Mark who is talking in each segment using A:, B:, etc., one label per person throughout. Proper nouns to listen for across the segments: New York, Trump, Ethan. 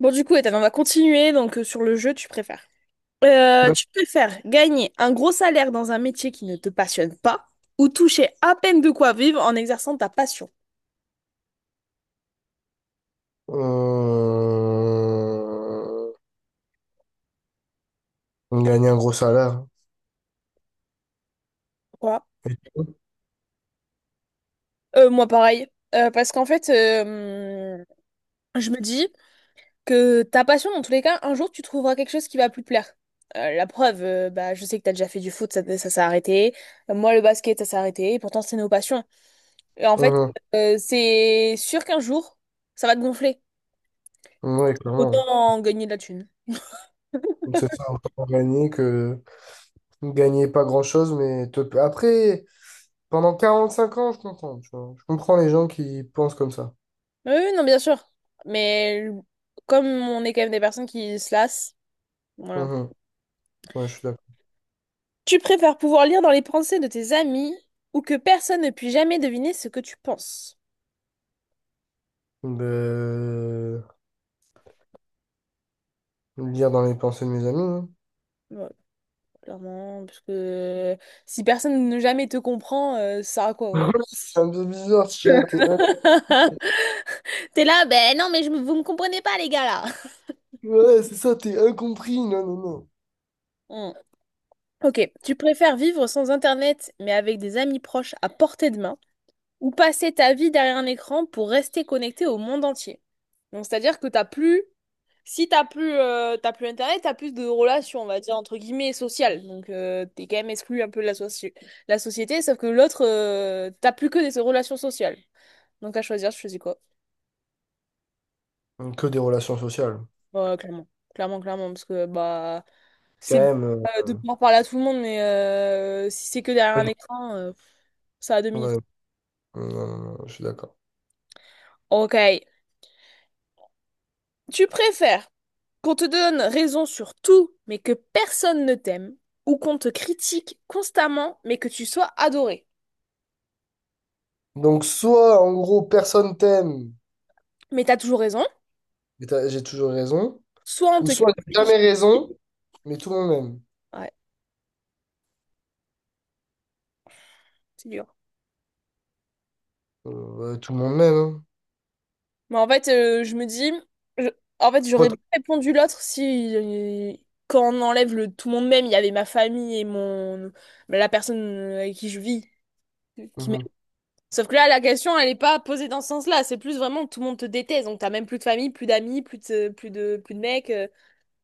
A: Bon, du coup, Ethan, on va continuer donc sur le jeu, tu préfères. Tu
B: D'accord.
A: préfères gagner un gros salaire dans un métier qui ne te passionne pas ou toucher à peine de quoi vivre en exerçant ta passion.
B: Euh, Gagner un gros salaire.
A: Quoi? Moi, pareil. Parce qu'en fait, je me dis que ta passion, dans tous les cas, un jour, tu trouveras quelque chose qui va plus te plaire. La preuve, bah, je sais que t'as déjà fait du foot, ça s'est arrêté. Moi, le basket, ça s'est arrêté. Et pourtant, c'est nos passions. Et en fait,
B: Mhm.
A: c'est sûr qu'un jour, ça va te gonfler.
B: Oui, clairement.
A: Autant gagner de la thune.
B: C'est ça, autant gagner que gagner pas grand-chose, mais après, pendant 45 ans, je comprends, tu vois. Je comprends les gens qui pensent comme ça.
A: Oui, oui, non, bien sûr. Mais comme on est quand même des personnes qui se lassent, voilà.
B: Mhm. Ouais, je suis d'accord.
A: Tu préfères pouvoir lire dans les pensées de tes amis ou que personne ne puisse jamais deviner ce que tu penses?
B: Ben, lire dans les pensées de mes amis, hein.
A: Ouais, clairement, parce que si personne ne jamais te comprend, ça a quoi?
B: C'est un peu bizarre, tu
A: Quoi.
B: vois.
A: T'es là, ben non, mais vous me comprenez pas, les gars, là.
B: Ouais, c'est ça, t'es incompris. Non, non,
A: Hmm. Ok, tu préfères vivre sans Internet mais avec des amis proches à portée de main ou passer ta vie derrière un écran pour rester connecté au monde entier? Donc, c'est-à-dire que t'as plus si t'as plus, t'as plus internet, t'as plus de relations, on va dire, entre guillemets, sociales. Donc, t'es quand même exclu un peu de la société, sauf que l'autre, t'as plus que des relations sociales. Donc, à choisir, je choisis quoi?
B: non. Que des relations sociales.
A: Ouais, clairement. Clairement, clairement, parce que, bah,
B: Quand
A: c'est bien,
B: même.
A: de
B: euh,
A: pouvoir parler à tout le monde, mais si c'est que derrière un écran, ça a deux minutes.
B: Ouais. Non, non, non, je suis d'accord.
A: Ok. Tu préfères qu'on te donne raison sur tout, mais que personne ne t'aime, ou qu'on te critique constamment, mais que tu sois adoré?
B: Donc, soit en gros, personne t'aime,
A: Mais t'as toujours raison.
B: mais j'ai toujours raison,
A: Soit on
B: ou
A: te
B: soit j'ai
A: critique.
B: jamais raison, mais tout le monde m'aime.
A: Ouais, c'est dur.
B: Euh, ouais, tout le monde m'aime, hein.
A: Mais en fait, je me dis, je- en fait,
B: Pas
A: j'aurais
B: tout-
A: répondu l'autre si, quand on enlève le tout le monde même, il y avait ma famille et mon la personne avec qui je vis. Qui m'aime.
B: Mhm.
A: Sauf que là, la question, elle n'est pas posée dans ce sens-là. C'est plus vraiment tout le monde te déteste. Donc, t'as même plus de famille, plus d'amis, plus de mecs.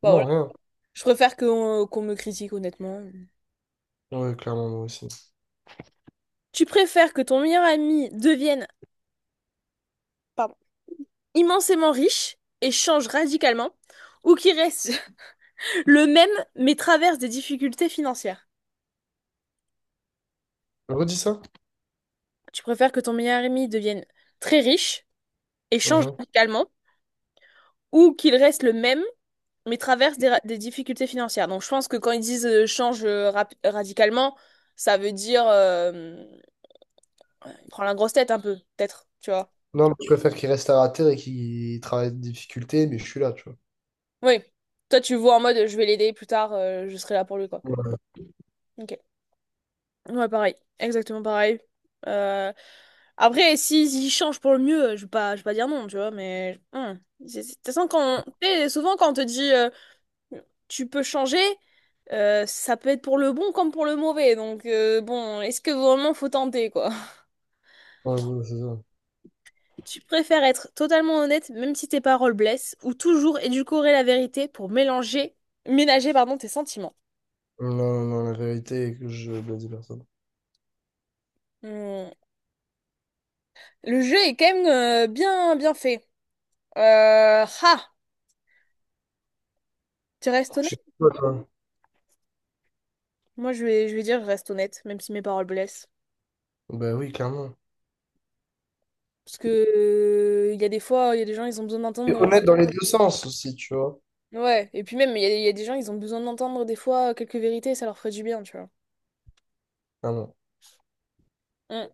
A: Bah,
B: Vraiment
A: voilà.
B: rien.
A: Je préfère qu'on me critique, honnêtement.
B: Ouais, clairement, moi aussi.
A: Tu préfères que ton meilleur ami devienne, pardon, immensément riche et change radicalement ou qu'il reste le même, mais traverse des difficultés financières.
B: Redis ça?
A: Tu préfères que ton meilleur ami devienne très riche et change
B: Mhm.
A: radicalement, ou qu'il reste le même, mais traverse des difficultés financières. Donc je pense que quand ils disent change radicalement, ça veut dire il prend la grosse tête un peu, peut-être, tu vois.
B: Non, mais je préfère qu'il reste à la terre et qu'il travaille de difficulté, mais je suis là, tu vois.
A: Oui. Toi, tu vois en mode je vais l'aider plus tard, je serai là pour lui, quoi.
B: Ouais,
A: Ok. Ouais, pareil. Exactement pareil. Euh, Après, si, s'ils changent pour le mieux, je vais pas dire non, tu vois, mais.... De toute façon, quand, tu sais, souvent, quand on te dit tu peux changer, ça peut être pour le bon comme pour le mauvais. Donc, bon, est-ce que vraiment faut tenter, quoi?
B: ouais, ouais, c'est ça. Non,
A: Tu préfères être totalement honnête, même si tes paroles blessent, ou toujours édulcorer la vérité pour mélanger, ménager, pardon, tes sentiments.
B: non, non, la vérité est que je blase personne.
A: Hmm. Le jeu est quand même bien, bien fait. Euh, ah, tu restes.
B: Je suis toi, toi.
A: Moi, je vais dire, je reste honnête, même si mes paroles blessent.
B: Bah oui, clairement.
A: Parce que il y a des fois, il y a des gens, ils ont besoin
B: Et
A: d'entendre.
B: honnête dans les deux sens aussi, tu vois.
A: Ouais, et puis même, il y a des gens, ils ont besoin d'entendre des fois quelques vérités, ça leur ferait du bien, tu vois.
B: Ah non,
A: Mm.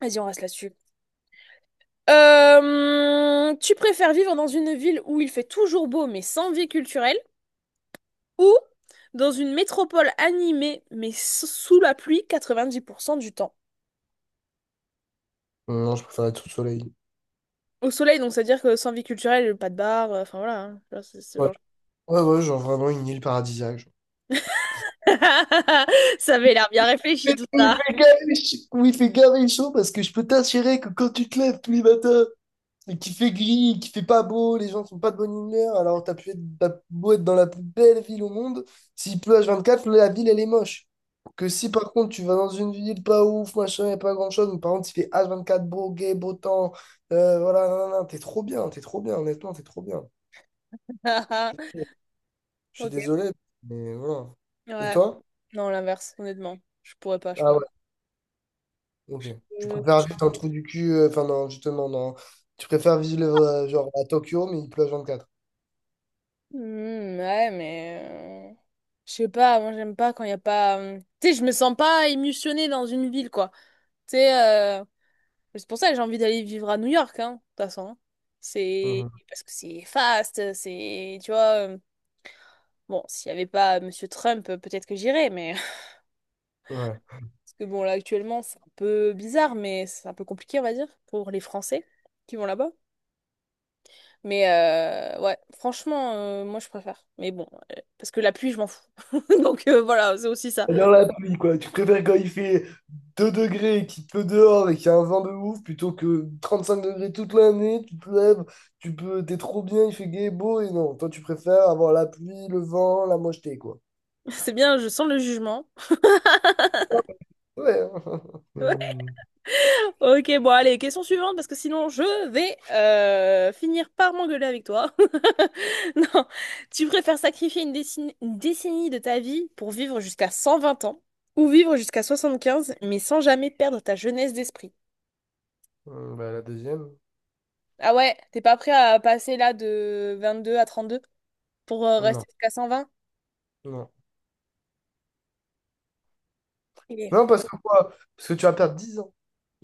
A: Vas-y, on reste là-dessus. Tu préfères vivre dans une ville où il fait toujours beau, mais sans vie culturelle, ou dans une métropole animée, mais sous la pluie 90% du temps?
B: non, je préfère être sous le soleil.
A: Au soleil, donc, c'est-à-dire que sans vie culturelle, pas de bar, enfin voilà, hein. Tu vois, c'est ce
B: Ouais,
A: genre.
B: ouais, ouais, genre vraiment une île paradisiaque, genre.
A: Ça avait l'air bien réfléchi, tout
B: Il
A: ça.
B: fait gavé ch- Oui, il fait gavé chaud parce que je peux t'assurer que quand tu te lèves tous les matins et qu'il fait gris, qu'il fait pas beau, les gens sont pas de bonne humeur, alors t'as beau être dans la plus belle ville au monde, s'il pleut H24, la ville elle est moche. Que si par contre tu vas dans une ville pas ouf, machin, et pas grand chose, mais par contre il fait H24 beau, gay, beau temps, voilà, nan, nan, nan, t'es trop bien, honnêtement, t'es trop bien.
A: Ah, ah,
B: Je suis
A: ok.
B: désolé, mais voilà. Et
A: Ouais.
B: toi?
A: Non, l'inverse, honnêtement. Je pourrais pas, je
B: Ah
A: pense.
B: ouais, ok. Tu
A: Euh,
B: préfères vivre dans le trou du cul, enfin non, justement, non. Tu préfères vivre genre à Tokyo, mais il pleut à 24.
A: hmm, ouais, mais... je sais pas, moi j'aime pas quand il y a pas... tu sais, je me sens pas émotionnée dans une ville, quoi. Tu sais, euh, c'est pour ça que j'ai envie d'aller vivre à New York, hein, de toute façon. Hein. C'est...
B: Mhm.
A: Parce que c'est fast, c'est... Tu vois... bon, s'il y avait pas Monsieur Trump, peut-être que j'irais, mais...
B: Ouais.
A: Parce que bon, là, actuellement, c'est un peu bizarre, mais c'est un peu compliqué, on va dire, pour les Français qui vont là-bas. Mais ouais, franchement, moi je préfère. Mais bon, parce que la pluie, je m'en fous. Donc voilà, c'est aussi ça.
B: Et dans la pluie, quoi. Tu préfères quand il fait 2 degrés, et qu'il pleut dehors et qu'il y a un vent de ouf, plutôt que 35 degrés toute l'année, tu te lèves, tu peux, t'es trop bien, il fait gai et beau, et non. Toi, tu préfères avoir la pluie, le vent, la mocheté, quoi.
A: C'est bien, je sens le jugement.
B: Ouais. Mhm.
A: Ok, bon, allez, question suivante, parce que sinon je vais finir par m'engueuler avec toi. Non, tu préfères sacrifier une décennie de ta vie pour vivre jusqu'à 120 ans ou vivre jusqu'à 75 mais sans jamais perdre ta jeunesse d'esprit?
B: Bah, la deuxième?
A: Ah ouais, t'es pas prêt à passer là de 22 à 32 pour
B: Non.
A: rester jusqu'à
B: Non.
A: 120?
B: Non, parce que quoi? Parce que tu vas perdre 10 ans.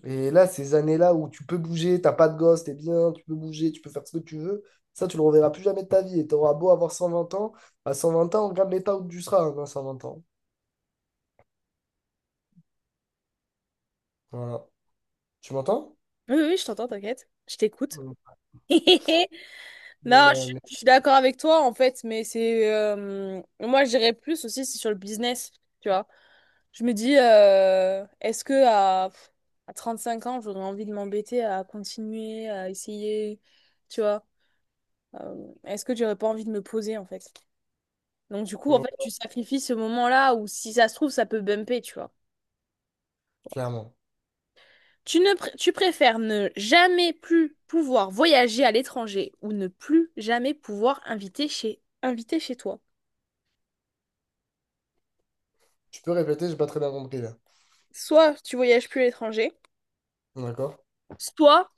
B: Et là, ces années-là où tu peux bouger, t'as pas de gosse, t'es bien, tu peux bouger, tu peux faire ce que tu veux, ça, tu le reverras plus jamais de ta vie. Et t'auras beau avoir 120 ans, à 120 ans, regarde l'état où tu seras hein, à 120 ans. Voilà. Tu m'entends?
A: Oui, oui, oui, je t'entends, t'inquiète. Je t'écoute.
B: Mm.
A: Non,
B: Euh, mais-
A: je suis d'accord avec toi, en fait, mais c'est... moi, je dirais plus aussi, c'est sur le business, tu vois. Je me dis, est-ce que à 35 ans, j'aurais envie de m'embêter à continuer, à essayer, tu vois? Est-ce que j'aurais pas envie de me poser, en fait? Donc, du coup, en fait,
B: ouais,
A: tu sacrifies ce moment-là où, si ça se trouve, ça peut bumper, tu vois.
B: clairement.
A: Tu préfères ne jamais plus pouvoir voyager à l'étranger ou ne plus jamais pouvoir inviter chez toi.
B: Tu peux répéter, j'ai pas très bien compris là.
A: Soit tu voyages plus à l'étranger,
B: D'accord?
A: soit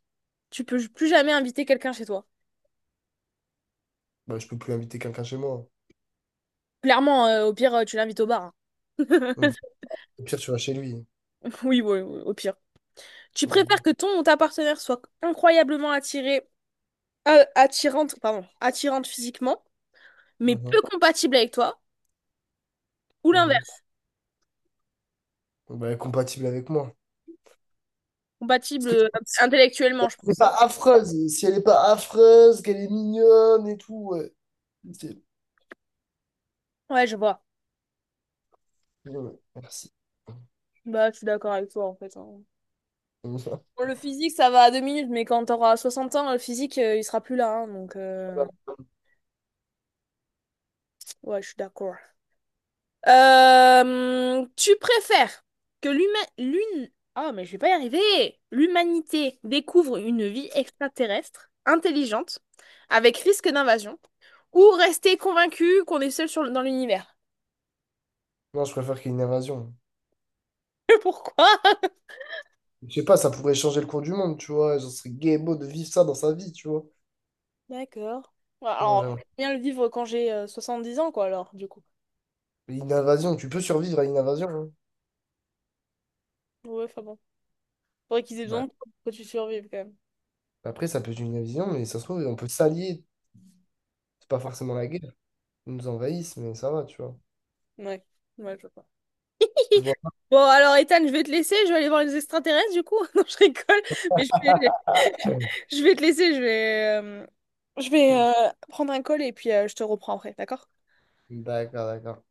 A: tu peux plus jamais inviter quelqu'un chez toi.
B: Bah, je peux plus inviter quelqu'un chez moi.
A: Clairement, au pire, tu l'invites au bar. Hein.
B: Mm. Au pire, tu vas chez lui.
A: Oui, oui, oui, au pire. Tu préfères
B: Mhm.
A: que ton ou ta partenaire soit incroyablement attiré attirante, pardon, attirante physiquement, mais
B: Mhm.
A: peu compatible avec toi, ou
B: Mhm.
A: l'inverse,
B: Bah, compatible avec moi. Parce
A: compatible
B: que
A: intellectuellement, je pense que
B: c'est
A: ça.
B: pas
A: Parle.
B: affreuse. Si elle est pas affreuse, qu'elle est mignonne et tout, ouais. Ok.
A: Ouais, je vois.
B: Ouais, merci.
A: Bah, je suis d'accord avec toi, en fait. Hein. Bon, le physique, ça va à deux minutes, mais quand t'auras 60 ans, le physique, il sera plus là. Hein, donc, ouais, je suis d'accord. Tu préfères que l'humain, l'une, oh, mais je vais pas y arriver. L'humanité découvre une vie extraterrestre, intelligente, avec risque d'invasion, ou rester convaincu qu'on est seul sur... dans l'univers?
B: Non, je préfère qu'il y ait une invasion.
A: Pourquoi?
B: Je sais pas, ça pourrait changer le cours du monde, tu vois. Genre, ce serait gay beau de vivre ça dans sa vie, tu vois.
A: D'accord. Ouais,
B: Moi,
A: alors,
B: j'aimerais.
A: je vais bien le vivre quand j'ai 10 ans, quoi, alors, du coup.
B: Une invasion, tu peux survivre à une invasion, hein.
A: Ouais, enfin bon. Faudrait qu'ils aient besoin
B: Bah,
A: de toi pour que tu survives, quand même.
B: après, ça peut être une invasion, mais ça se trouve, on peut s'allier. C'est pas forcément la guerre. Ils nous envahissent, mais ça va, tu vois.
A: Ouais, ouais, je vois.
B: Tu vois.
A: Bon, alors Ethan, je vais te laisser, je vais aller voir les extraterrestres du coup. Non, je rigole, mais je vais te laisser, je vais prendre un col et puis je te reprends après, d'accord?
B: D'accord, d'accord.